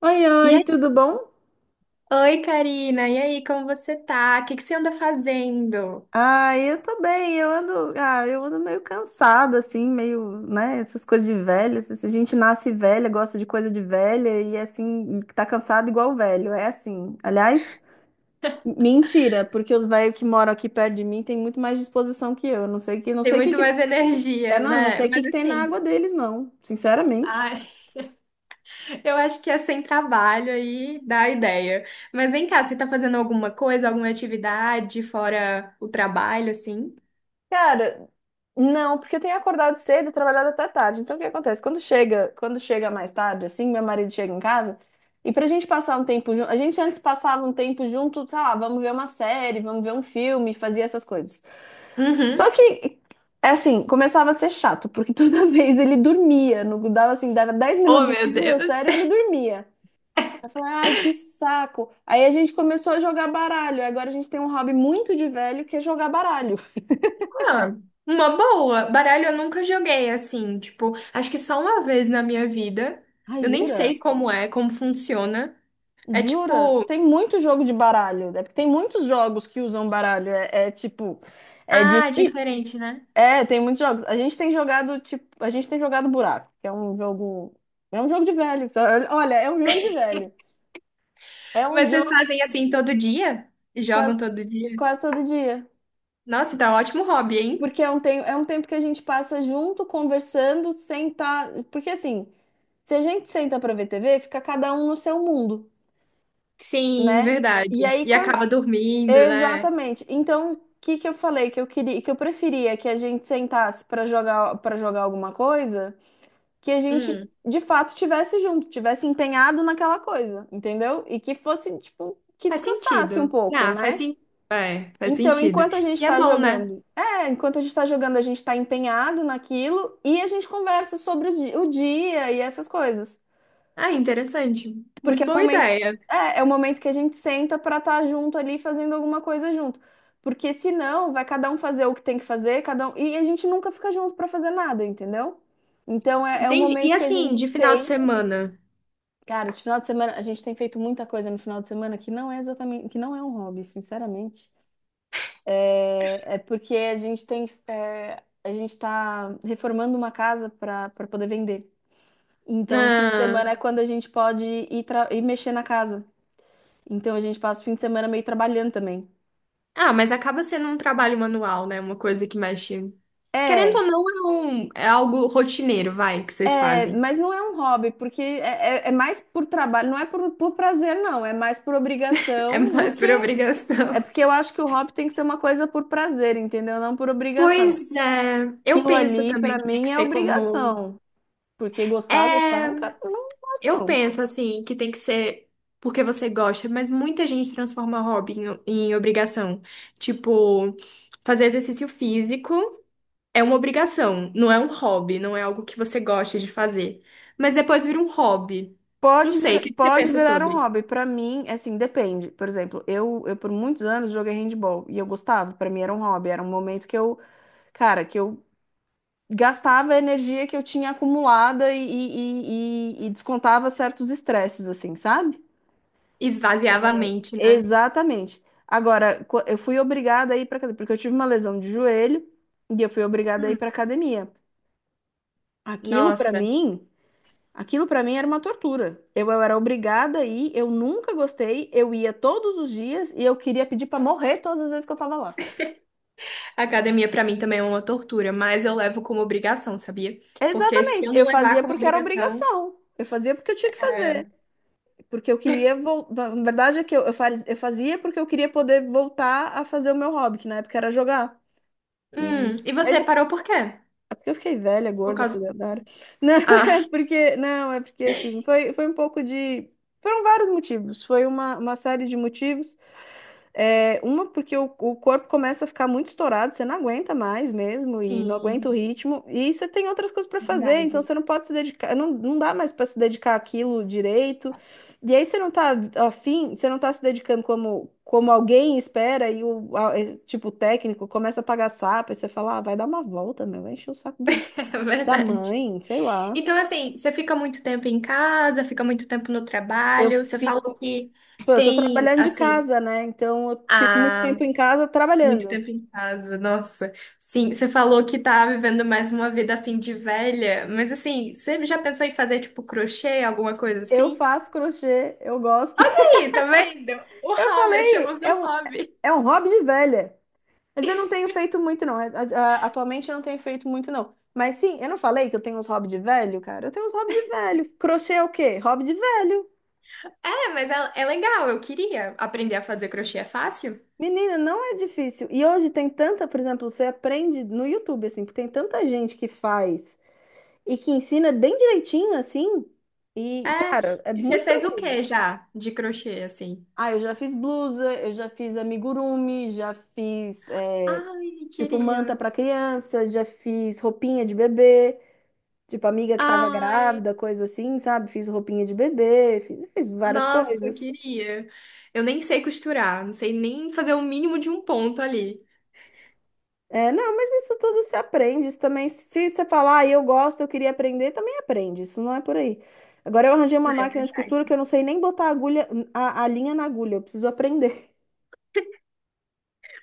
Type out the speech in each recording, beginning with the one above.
Oi, E oi, aí? tudo bom? Oi, Karina. E aí, como você tá? O que que você anda fazendo? Eu tô bem, eu ando, eu ando meio cansada, assim, meio, né, essas coisas de velho, se a gente nasce velha, gosta de coisa de velha e é assim, e tá cansado igual velho, é assim. Aliás, mentira, porque os velhos que moram aqui perto de mim têm muito mais disposição que eu, não sei que, não Tem sei o que muito que, mais é, energia, não, não né? sei o que Mas que tem na assim, água deles, não, sinceramente. ai, eu acho que é sem trabalho aí dá a ideia. Mas vem cá, você tá fazendo alguma coisa, alguma atividade fora o trabalho, assim? Cara, não, porque eu tenho acordado cedo, e trabalhado até tarde. Então, o que acontece? Quando chega mais tarde, assim, meu marido chega em casa, e pra gente passar um tempo junto, a gente antes passava um tempo junto, sei lá, vamos ver uma série, vamos ver um filme, fazia essas coisas. Só Uhum. que, é assim, começava a ser chato, porque toda vez ele dormia, no, dava assim, dava 10 minutos Oh, de meu filme, eu Deus. sério, ele dormia. Eu falei, ai, que saco. Aí a gente começou a jogar baralho. Agora a gente tem um hobby muito de velho que é jogar baralho. Ah, uma boa. Baralho eu nunca joguei assim, tipo, acho que só uma vez na minha vida. Ai, Eu nem jura? sei como é, como funciona. É Jura? tipo, Tem muito jogo de baralho, né? Porque tem muitos jogos que usam baralho. É, é tipo, é difícil. diferente, né? É, tem muitos jogos. A gente tem jogado, tipo, a gente tem jogado buraco, que é um jogo de velho. Olha, é um jogo de velho. É um Mas vocês jogo fazem assim todo dia? quase, Jogam todo dia? quase todo dia. Nossa, tá um ótimo hobby, hein? Porque é um, é um tempo que a gente passa junto, conversando, sentar. Porque assim, se a gente senta pra ver TV, fica cada um no seu mundo, Sim, né? verdade. E aí, E quando, acaba dormindo, né? exatamente. Então, o que que eu falei que eu queria, que eu preferia que a gente sentasse para jogar alguma coisa, que a gente Hum, de fato tivesse junto, tivesse empenhado naquela coisa, entendeu? E que fosse tipo que faz descansasse um sentido. pouco, Ah, faz né? sim. É, faz Então, sentido. E é bom, né? Enquanto a gente está jogando, a gente está empenhado naquilo e a gente conversa sobre o dia e essas coisas. Ah, interessante. Porque Muito é o boa momento, ideia. é, é o momento que a gente senta para estar junto ali fazendo alguma coisa junto. Porque senão vai cada um fazer o que tem que fazer, cada um, e a gente nunca fica junto para fazer nada, entendeu? Então é, é o Entendi. E momento que a assim, gente de final de senta. semana? Cara, esse final de semana, a gente tem feito muita coisa no final de semana que não é exatamente, que não é um hobby, sinceramente. É, é porque a gente tem, é, a gente está reformando uma casa para poder vender. Então, no fim de Ah, semana é quando a gente pode ir, ir mexer na casa. Então a gente passa o fim de semana meio trabalhando também. ah, mas acaba sendo um trabalho manual, né? Uma coisa que mexe. Querendo ou É, não, é, é algo rotineiro, vai, que vocês é, fazem. mas não é um hobby, porque é, é mais por trabalho, não é por prazer, não, é mais por É obrigação do mais que. por É obrigação. porque eu acho que o hobby tem que ser uma coisa por prazer, entendeu? Não por obrigação. Pois é, eu Aquilo penso ali, também pra que tem que mim, é ser como. obrigação. Porque gostar, É, gostar, eu não quero, não gosto, eu não. penso assim, que tem que ser porque você gosta, mas muita gente transforma hobby em, em obrigação. Tipo, fazer exercício físico é uma obrigação, não é um hobby, não é algo que você gosta de fazer. Mas depois vira um hobby. Não Pode sei, o vir, que que você pode pensa virar um sobre? hobby. Pra mim, é assim, depende. Por exemplo, eu por muitos anos joguei handball e eu gostava. Pra mim era um hobby, era um momento que eu, cara, que eu gastava a energia que eu tinha acumulada e, e descontava certos estresses, assim, sabe? Esvaziava a mente, né? Exatamente. Agora, eu fui obrigada a ir para academia, porque eu tive uma lesão de joelho e eu fui obrigada a ir Hum, para academia. Aquilo para nossa. mim, aquilo para mim era uma tortura. Eu era obrigada a ir, eu nunca gostei, eu ia todos os dias e eu queria pedir para morrer todas as vezes que eu tava lá. A academia pra mim também é uma tortura, mas eu levo como obrigação, sabia? Porque se Exatamente, eu não eu levar fazia como porque era obrigação, obrigação. Eu fazia porque eu tinha que fazer. é... Porque eu queria voltar. Na verdade, é que eu, eu fazia porque eu queria poder voltar a fazer o meu hobby, que na época era jogar. E e aí você depois... parou por quê? é eu fiquei velha, Por gorda, causa... sedentária. Não, é Ah, porque. Não, é porque assim, foi, foi um pouco de. Foram vários motivos. Foi uma série de motivos. É, uma, porque o corpo começa a ficar muito estourado, você não aguenta mais mesmo e não aguenta o sim, ritmo. E você tem outras coisas para é fazer, então verdade. você não pode se dedicar, não, não dá mais para se dedicar àquilo direito. E aí você não tá afim, você não tá se dedicando como, como alguém espera, e é, tipo o técnico começa a pagar sapo, e você fala, ah, vai dar uma volta, meu, vai encher o saco do, É da verdade. mãe, sei lá. Então, assim, você fica muito tempo em casa, fica muito tempo no Eu trabalho, você falou fico. que Pô, eu tô tem, trabalhando de assim, casa, né? Então eu fico muito ah, tempo em casa muito trabalhando. tempo em casa, nossa. Sim, você falou que tá vivendo mais uma vida, assim, de velha, mas, assim, você já pensou em fazer, tipo, crochê, alguma coisa Eu assim? faço crochê, eu gosto. Ih, tá vendo? O Eu hobby, falei, achamos um hobby. é um hobby de velha. Mas eu não tenho feito muito, não. Atualmente eu não tenho feito muito, não. Mas sim, eu não falei que eu tenho uns hobbies de velho, cara? Eu tenho uns hobbies de velho. Crochê é o quê? Hobby de velho. É, mas é legal, eu queria aprender a fazer crochê, é fácil? Menina, não é difícil. E hoje tem tanta, por exemplo, você aprende no YouTube, assim, que tem tanta gente que faz e que ensina bem direitinho, assim. É. E, cara, é E você muito fez o tranquilo. que já de crochê, assim? Ah, eu já fiz blusa, eu já fiz amigurumi, já fiz. É, Ai, tipo, manta queria. pra criança, já fiz roupinha de bebê, tipo, amiga que tava Ai, grávida, coisa assim, sabe? Fiz roupinha de bebê, fiz, fiz várias nossa, coisas. queria. Eu nem sei costurar, não sei nem fazer o mínimo de um ponto ali. É, não, mas isso tudo se aprende, isso também, se você falar, ah, eu gosto, eu queria aprender, também aprende, isso não é por aí. Agora eu arranjei uma Não é máquina de verdade. costura que eu não sei nem botar a agulha, a linha na agulha, eu preciso aprender.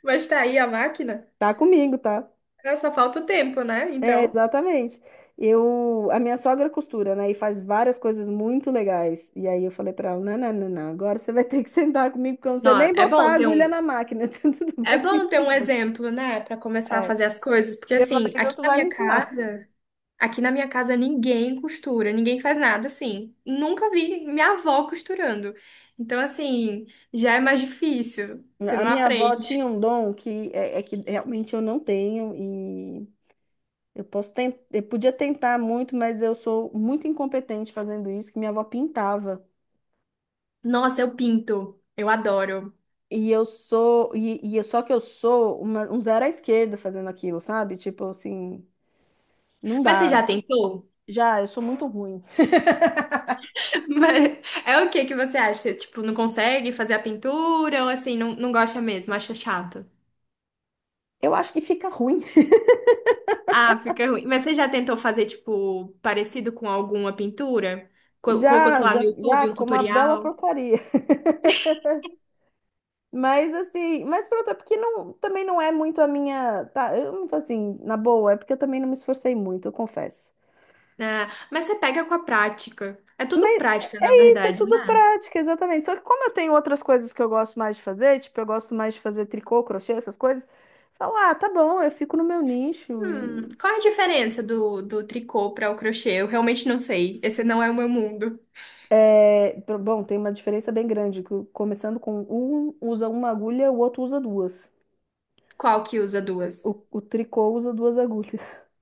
Mas tá aí a máquina. Tá comigo, tá? Ah, Só falta o tempo, né? É, Então. exatamente. Eu, a minha sogra costura, né? E faz várias coisas muito legais. E aí eu falei pra ela, não. Agora você vai ter que sentar comigo, porque eu não sei Não, nem botar a agulha na máquina. Então tu é vai me bom ter um ensinar. exemplo, né, Pra começar a É. fazer as coisas, porque E eu falei, assim, então tu vai me ensinar. Aqui na minha casa ninguém costura, ninguém faz nada assim. Nunca vi minha avó costurando. Então, assim, já é mais difícil. Você A não minha avó aprende. tinha um dom que é, é que realmente eu não tenho e eu posso tentar, eu podia tentar muito, mas eu sou muito incompetente fazendo isso, que minha avó pintava. Nossa, eu pinto. Eu adoro. E eu sou, e, só que eu sou um zero à esquerda fazendo aquilo, sabe? Tipo assim, não Mas você já dá. tentou? Já, eu sou muito ruim. Mas é o que que você acha? Você, tipo, não consegue fazer a pintura ou assim, não, não gosta mesmo, acha chato? Eu acho que fica ruim. Ah, fica ruim. Mas você já tentou fazer, tipo, parecido com alguma pintura? Colocou, sei Já, lá, no já, já YouTube um ficou uma bela tutorial? porcaria. Mas assim, mas pronto, é porque não, também não é muito a minha, tá, eu não assim, na boa, é porque eu também não me esforcei muito, eu confesso. Ah, mas você pega com a prática. É tudo Mas prática, na é isso, é verdade, tudo né? prática, exatamente. Só que como eu tenho outras coisas que eu gosto mais de fazer, tipo, eu gosto mais de fazer tricô, crochê, essas coisas, falo, ah, tá bom, eu fico no meu nicho. Qual é a diferença do tricô para o crochê? Eu realmente não sei. Esse não é o meu mundo. É, bom, tem uma diferença bem grande, que começando com um usa uma agulha, o outro usa duas. Qual que usa duas? O tricô usa duas agulhas.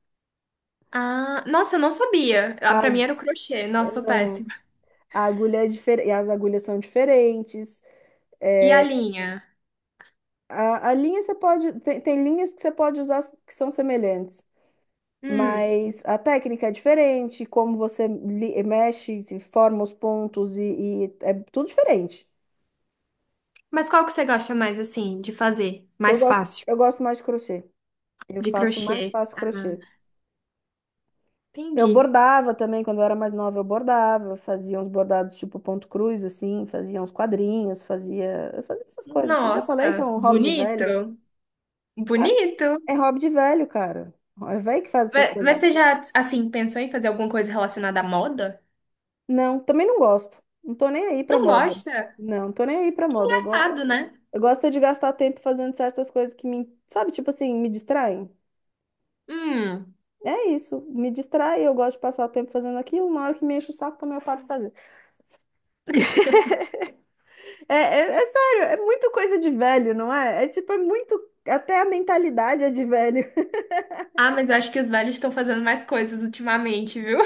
Ah, nossa, eu não sabia. Ah, A, para mim era o crochê. Nossa, sou péssima. não, a agulha é diferente, as agulhas são diferentes. E a É, linha? A linha você pode, tem, tem linhas que você pode usar que são semelhantes, Hum. mas a técnica é diferente, como você mexe, se forma os pontos e é tudo diferente. Mas qual que você gosta mais, assim, de fazer? Mais fácil. Eu gosto mais de crochê. Eu De faço crochê. mais fácil crochê. Eu Entendi. bordava também, quando eu era mais nova, eu bordava, fazia uns bordados tipo ponto cruz, assim, fazia uns quadrinhos, fazia, eu fazia essas coisas. Eu já falei que é Nossa, um hobby de velha? bonito. Bonito. É hobby de velho, cara. É velho que faz essas Mas coisas. você já, assim, pensou em fazer alguma coisa relacionada à moda? Não, também não gosto. Não tô nem aí pra Não moda. gosta? Não, tô nem aí pra moda. Eu, Engraçado, né? eu gosto é de gastar tempo fazendo certas coisas que me, sabe, tipo assim, me distraem. Hum. É isso, me distrai, eu gosto de passar o tempo fazendo aquilo, na hora que me enche o saco também eu paro de fazer. É, é, é sério, é muito coisa de velho, não é? É tipo, é muito. Até a mentalidade é de velho. Ah, mas eu acho que os velhos estão fazendo mais coisas ultimamente, viu?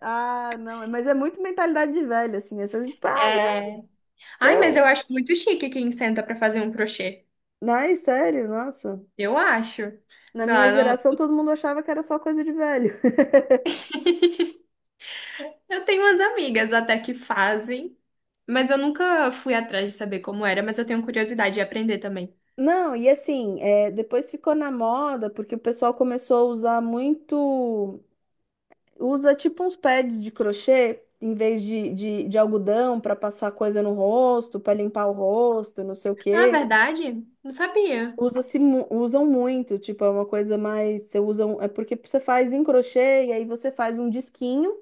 Ah, não, mas é muito mentalidade de velho, assim. Essa, tipo, ah, né? É. Ai, mas eu Eu. acho muito chique quem senta pra fazer um crochê. Ai, sério, nossa. Eu acho. Na Sei minha lá, geração, não... todo mundo achava que era só coisa de velho. Eu tenho umas amigas até que fazem, mas eu nunca fui atrás de saber como era, mas eu tenho curiosidade de aprender também. Não, e assim, é, depois ficou na moda, porque o pessoal começou a usar muito. Usa tipo uns pads de crochê, em vez de, de algodão, para passar coisa no rosto, para limpar o rosto, não sei o Ah, quê. verdade? Não sabia. Usa-se, usam muito, tipo, é uma coisa mais, você usa, é porque você faz em crochê e aí você faz um disquinho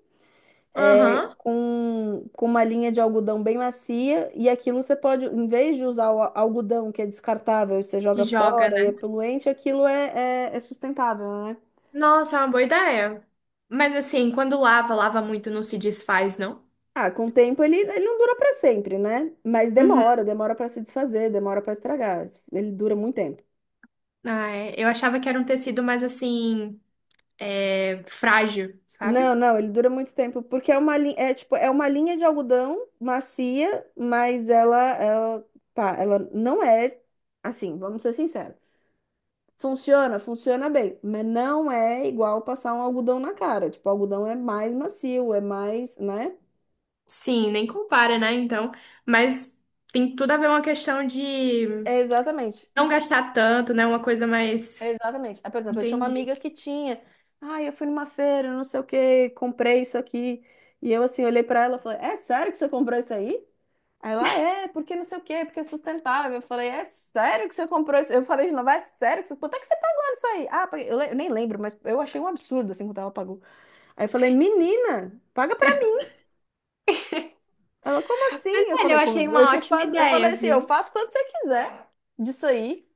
é, Aham. Com uma linha de algodão bem macia e aquilo você pode, em vez de usar o algodão que é descartável, e você joga E joga, fora e é né? poluente, aquilo é sustentável, né? Nossa, é uma boa ideia. Mas assim, quando lava, lava muito, não se desfaz, não? Ah, com o tempo ele não dura para sempre, né? Mas Uhum. Demora para se desfazer, demora para estragar, ele dura muito tempo. Ah, é. Eu achava que era um tecido mais assim, é, frágil, Não, sabe? não, ele dura muito tempo, porque é uma, é, tipo, é uma linha de algodão macia, mas ela, pá, ela não é assim, vamos ser sinceros. Funciona bem, mas não é igual passar um algodão na cara. Tipo, o algodão é mais macio, é mais, né? Sim, nem compara, né? Então, mas tem tudo a ver uma questão de É, exatamente, não gastar tanto, né? Uma coisa mais. é exatamente. Ah, por exemplo, eu tinha uma Entendi. amiga que tinha. Ah, eu fui numa feira, não sei o que, comprei isso aqui. E eu assim, olhei pra ela e falei, é sério que você comprou isso aí? Aí ela, é, porque não sei o quê, porque é sustentável. Eu falei, é sério que você comprou isso? Eu falei de novo, é sério que você... Quanto é que você pagou nisso aí? Ah, eu nem lembro, mas eu achei um absurdo, assim, quanto ela pagou. Aí eu falei, menina, paga pra mim. Ela, como Mas assim? Eu olha, falei, eu achei como? Eu uma te ótima faço... Eu ideia, falei assim, eu viu? faço quando você quiser disso aí.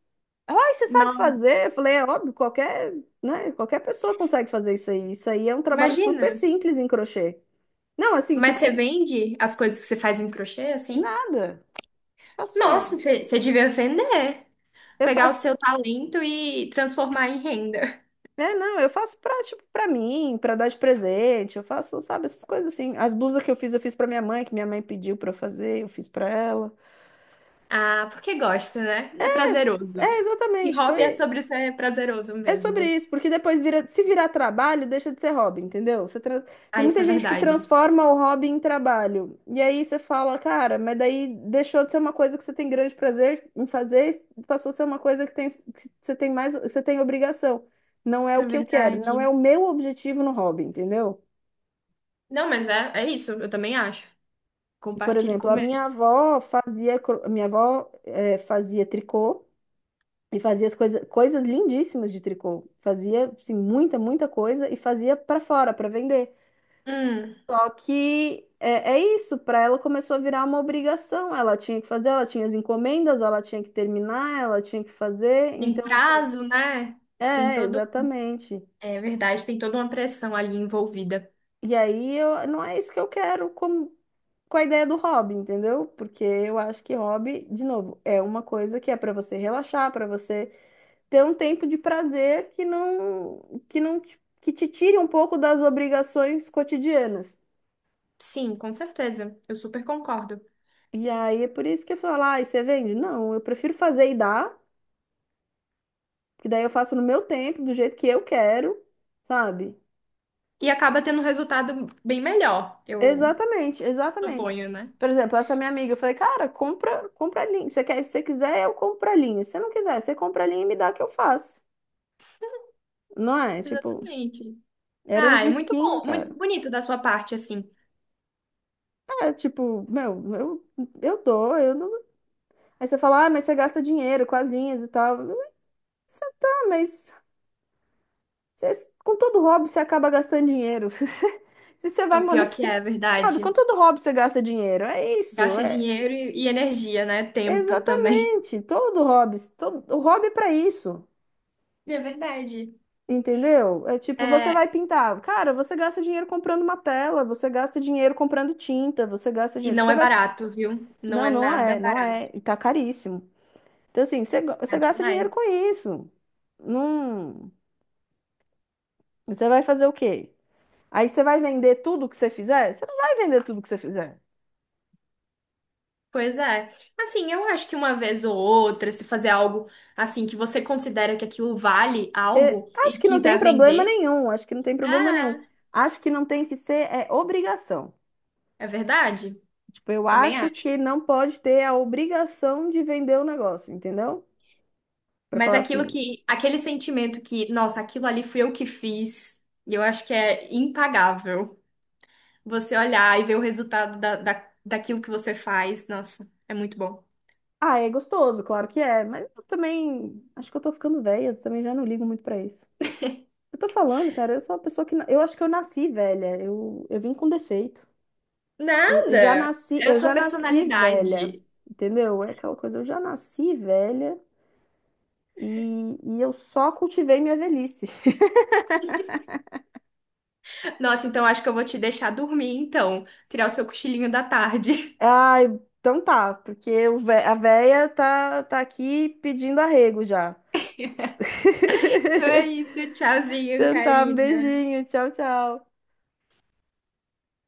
Ela, ai, você sabe Não, fazer? Eu falei, é óbvio, qualquer, né, qualquer pessoa consegue fazer isso aí. Isso aí é um trabalho imagina. super simples em crochê. Não, assim, Mas você tipo, vende as coisas que você faz em crochê, assim? nada. Faço... Nossa, você devia vender. Eu Pegar o faço seu talento e transformar em renda. é, não, eu faço pra, tipo, pra mim, pra dar de presente, eu faço, sabe, essas coisas assim. As blusas que eu fiz pra minha mãe, que minha mãe pediu pra eu fazer, eu fiz pra ela. Ah, porque gosta, né? É É, prazeroso. é, E exatamente, hobby é foi... sobre ser prazeroso É sobre mesmo. isso, porque depois vira, se virar trabalho, deixa de ser hobby, entendeu? Você tem Ah, muita isso é gente que verdade. transforma o hobby em trabalho. E aí você fala, cara, mas daí deixou de ser uma coisa que você tem grande prazer em fazer, passou a ser uma coisa que você tem mais, que você tem obrigação. Não é o É que eu quero, não é verdade. o meu objetivo no hobby, entendeu? Não, mas é isso, eu também acho. Por Compartilhe com exemplo, o a minha mesmo. avó fazia, minha avó fazia tricô e fazia as coisas lindíssimas de tricô. Fazia assim, muita coisa e fazia para fora, para vender. Hum, Só que é, é isso, para ela começou a virar uma obrigação. Ela tinha que fazer, ela tinha as encomendas, ela tinha que terminar, ela tinha que fazer. tem Então, assim, prazo, né? Tem é, todo. exatamente. É verdade, tem toda uma pressão ali envolvida. E aí eu, não é isso que eu quero como com a ideia do hobby, entendeu? Porque eu acho que hobby, de novo, é uma coisa que é para você relaxar, para você ter um tempo de prazer que não te, que te tire um pouco das obrigações cotidianas. Sim, com certeza. Eu super concordo. E aí é por isso que eu falo, ah, e você vende? Não, eu prefiro fazer e dar, que daí eu faço no meu tempo, do jeito que eu quero, sabe? E acaba tendo um resultado bem melhor, eu Exatamente, exatamente. suponho, né? Por exemplo, essa minha amiga, eu falei, cara, compra linha. Você quer, se você quiser, eu compro a linha. Se você não quiser, você compra a linha e me dá que eu faço. Não é? Tipo, Exatamente. eram Ah, uns é de muito bom, muito cara. bonito da sua parte, assim. É, tipo, eu dou, eu não. Aí você fala, ah, mas você gasta dinheiro com as linhas e tal. Você tá, mas com todo hobby você acaba gastando dinheiro. Se você É vai o pior que monetizar. é Sabe, com verdade. todo hobby você gasta dinheiro. É isso, Gasta é dinheiro e energia, né? Tempo também. exatamente. Todo hobby, todo, o hobby é pra isso. É verdade. Entendeu? É tipo, você vai É, pintar. Cara, você gasta dinheiro comprando uma tela, você gasta dinheiro comprando tinta, você gasta e dinheiro. não Você é vai barato, viu? Não não, é não nada é, não barato é. E tá caríssimo. Então, assim, você é você gasta dinheiro demais. com isso. Não. Você vai fazer o quê? Aí você vai vender tudo que você fizer? Você não vai vender tudo que você fizer. Pois é. Assim, eu acho que uma vez ou outra, se fazer algo assim que você considera que aquilo vale É, algo acho e que não tem quiser problema vender, nenhum. Acho que não tem problema ah, nenhum. Acho que não tem que ser é, obrigação. é verdade. Tipo, eu Também acho acho. que não pode ter a obrigação de vender o negócio, entendeu? Pra Mas falar aquilo assim, que, aquele sentimento que, nossa, aquilo ali fui eu que fiz, eu acho que é impagável. Você olhar e ver o resultado daquilo que você faz, nossa, é muito bom. ah, é gostoso, claro que é, mas eu também acho que eu tô ficando velha, também já não ligo muito pra isso. Eu tô falando, cara, eu sou uma pessoa que. Eu acho que eu nasci velha. Eu vim com defeito. Nada! É a Eu sua já nasci velha. personalidade. Entendeu? É aquela coisa, eu já nasci velha e eu só cultivei minha velhice. Nossa, então acho que eu vou te deixar dormir, então. Tirar o seu cochilinho da tarde. Ah, então tá, porque o a véia tá aqui pedindo arrego já. Então é isso, tchauzinho, Então tá, um Karina. beijinho, tchau, tchau.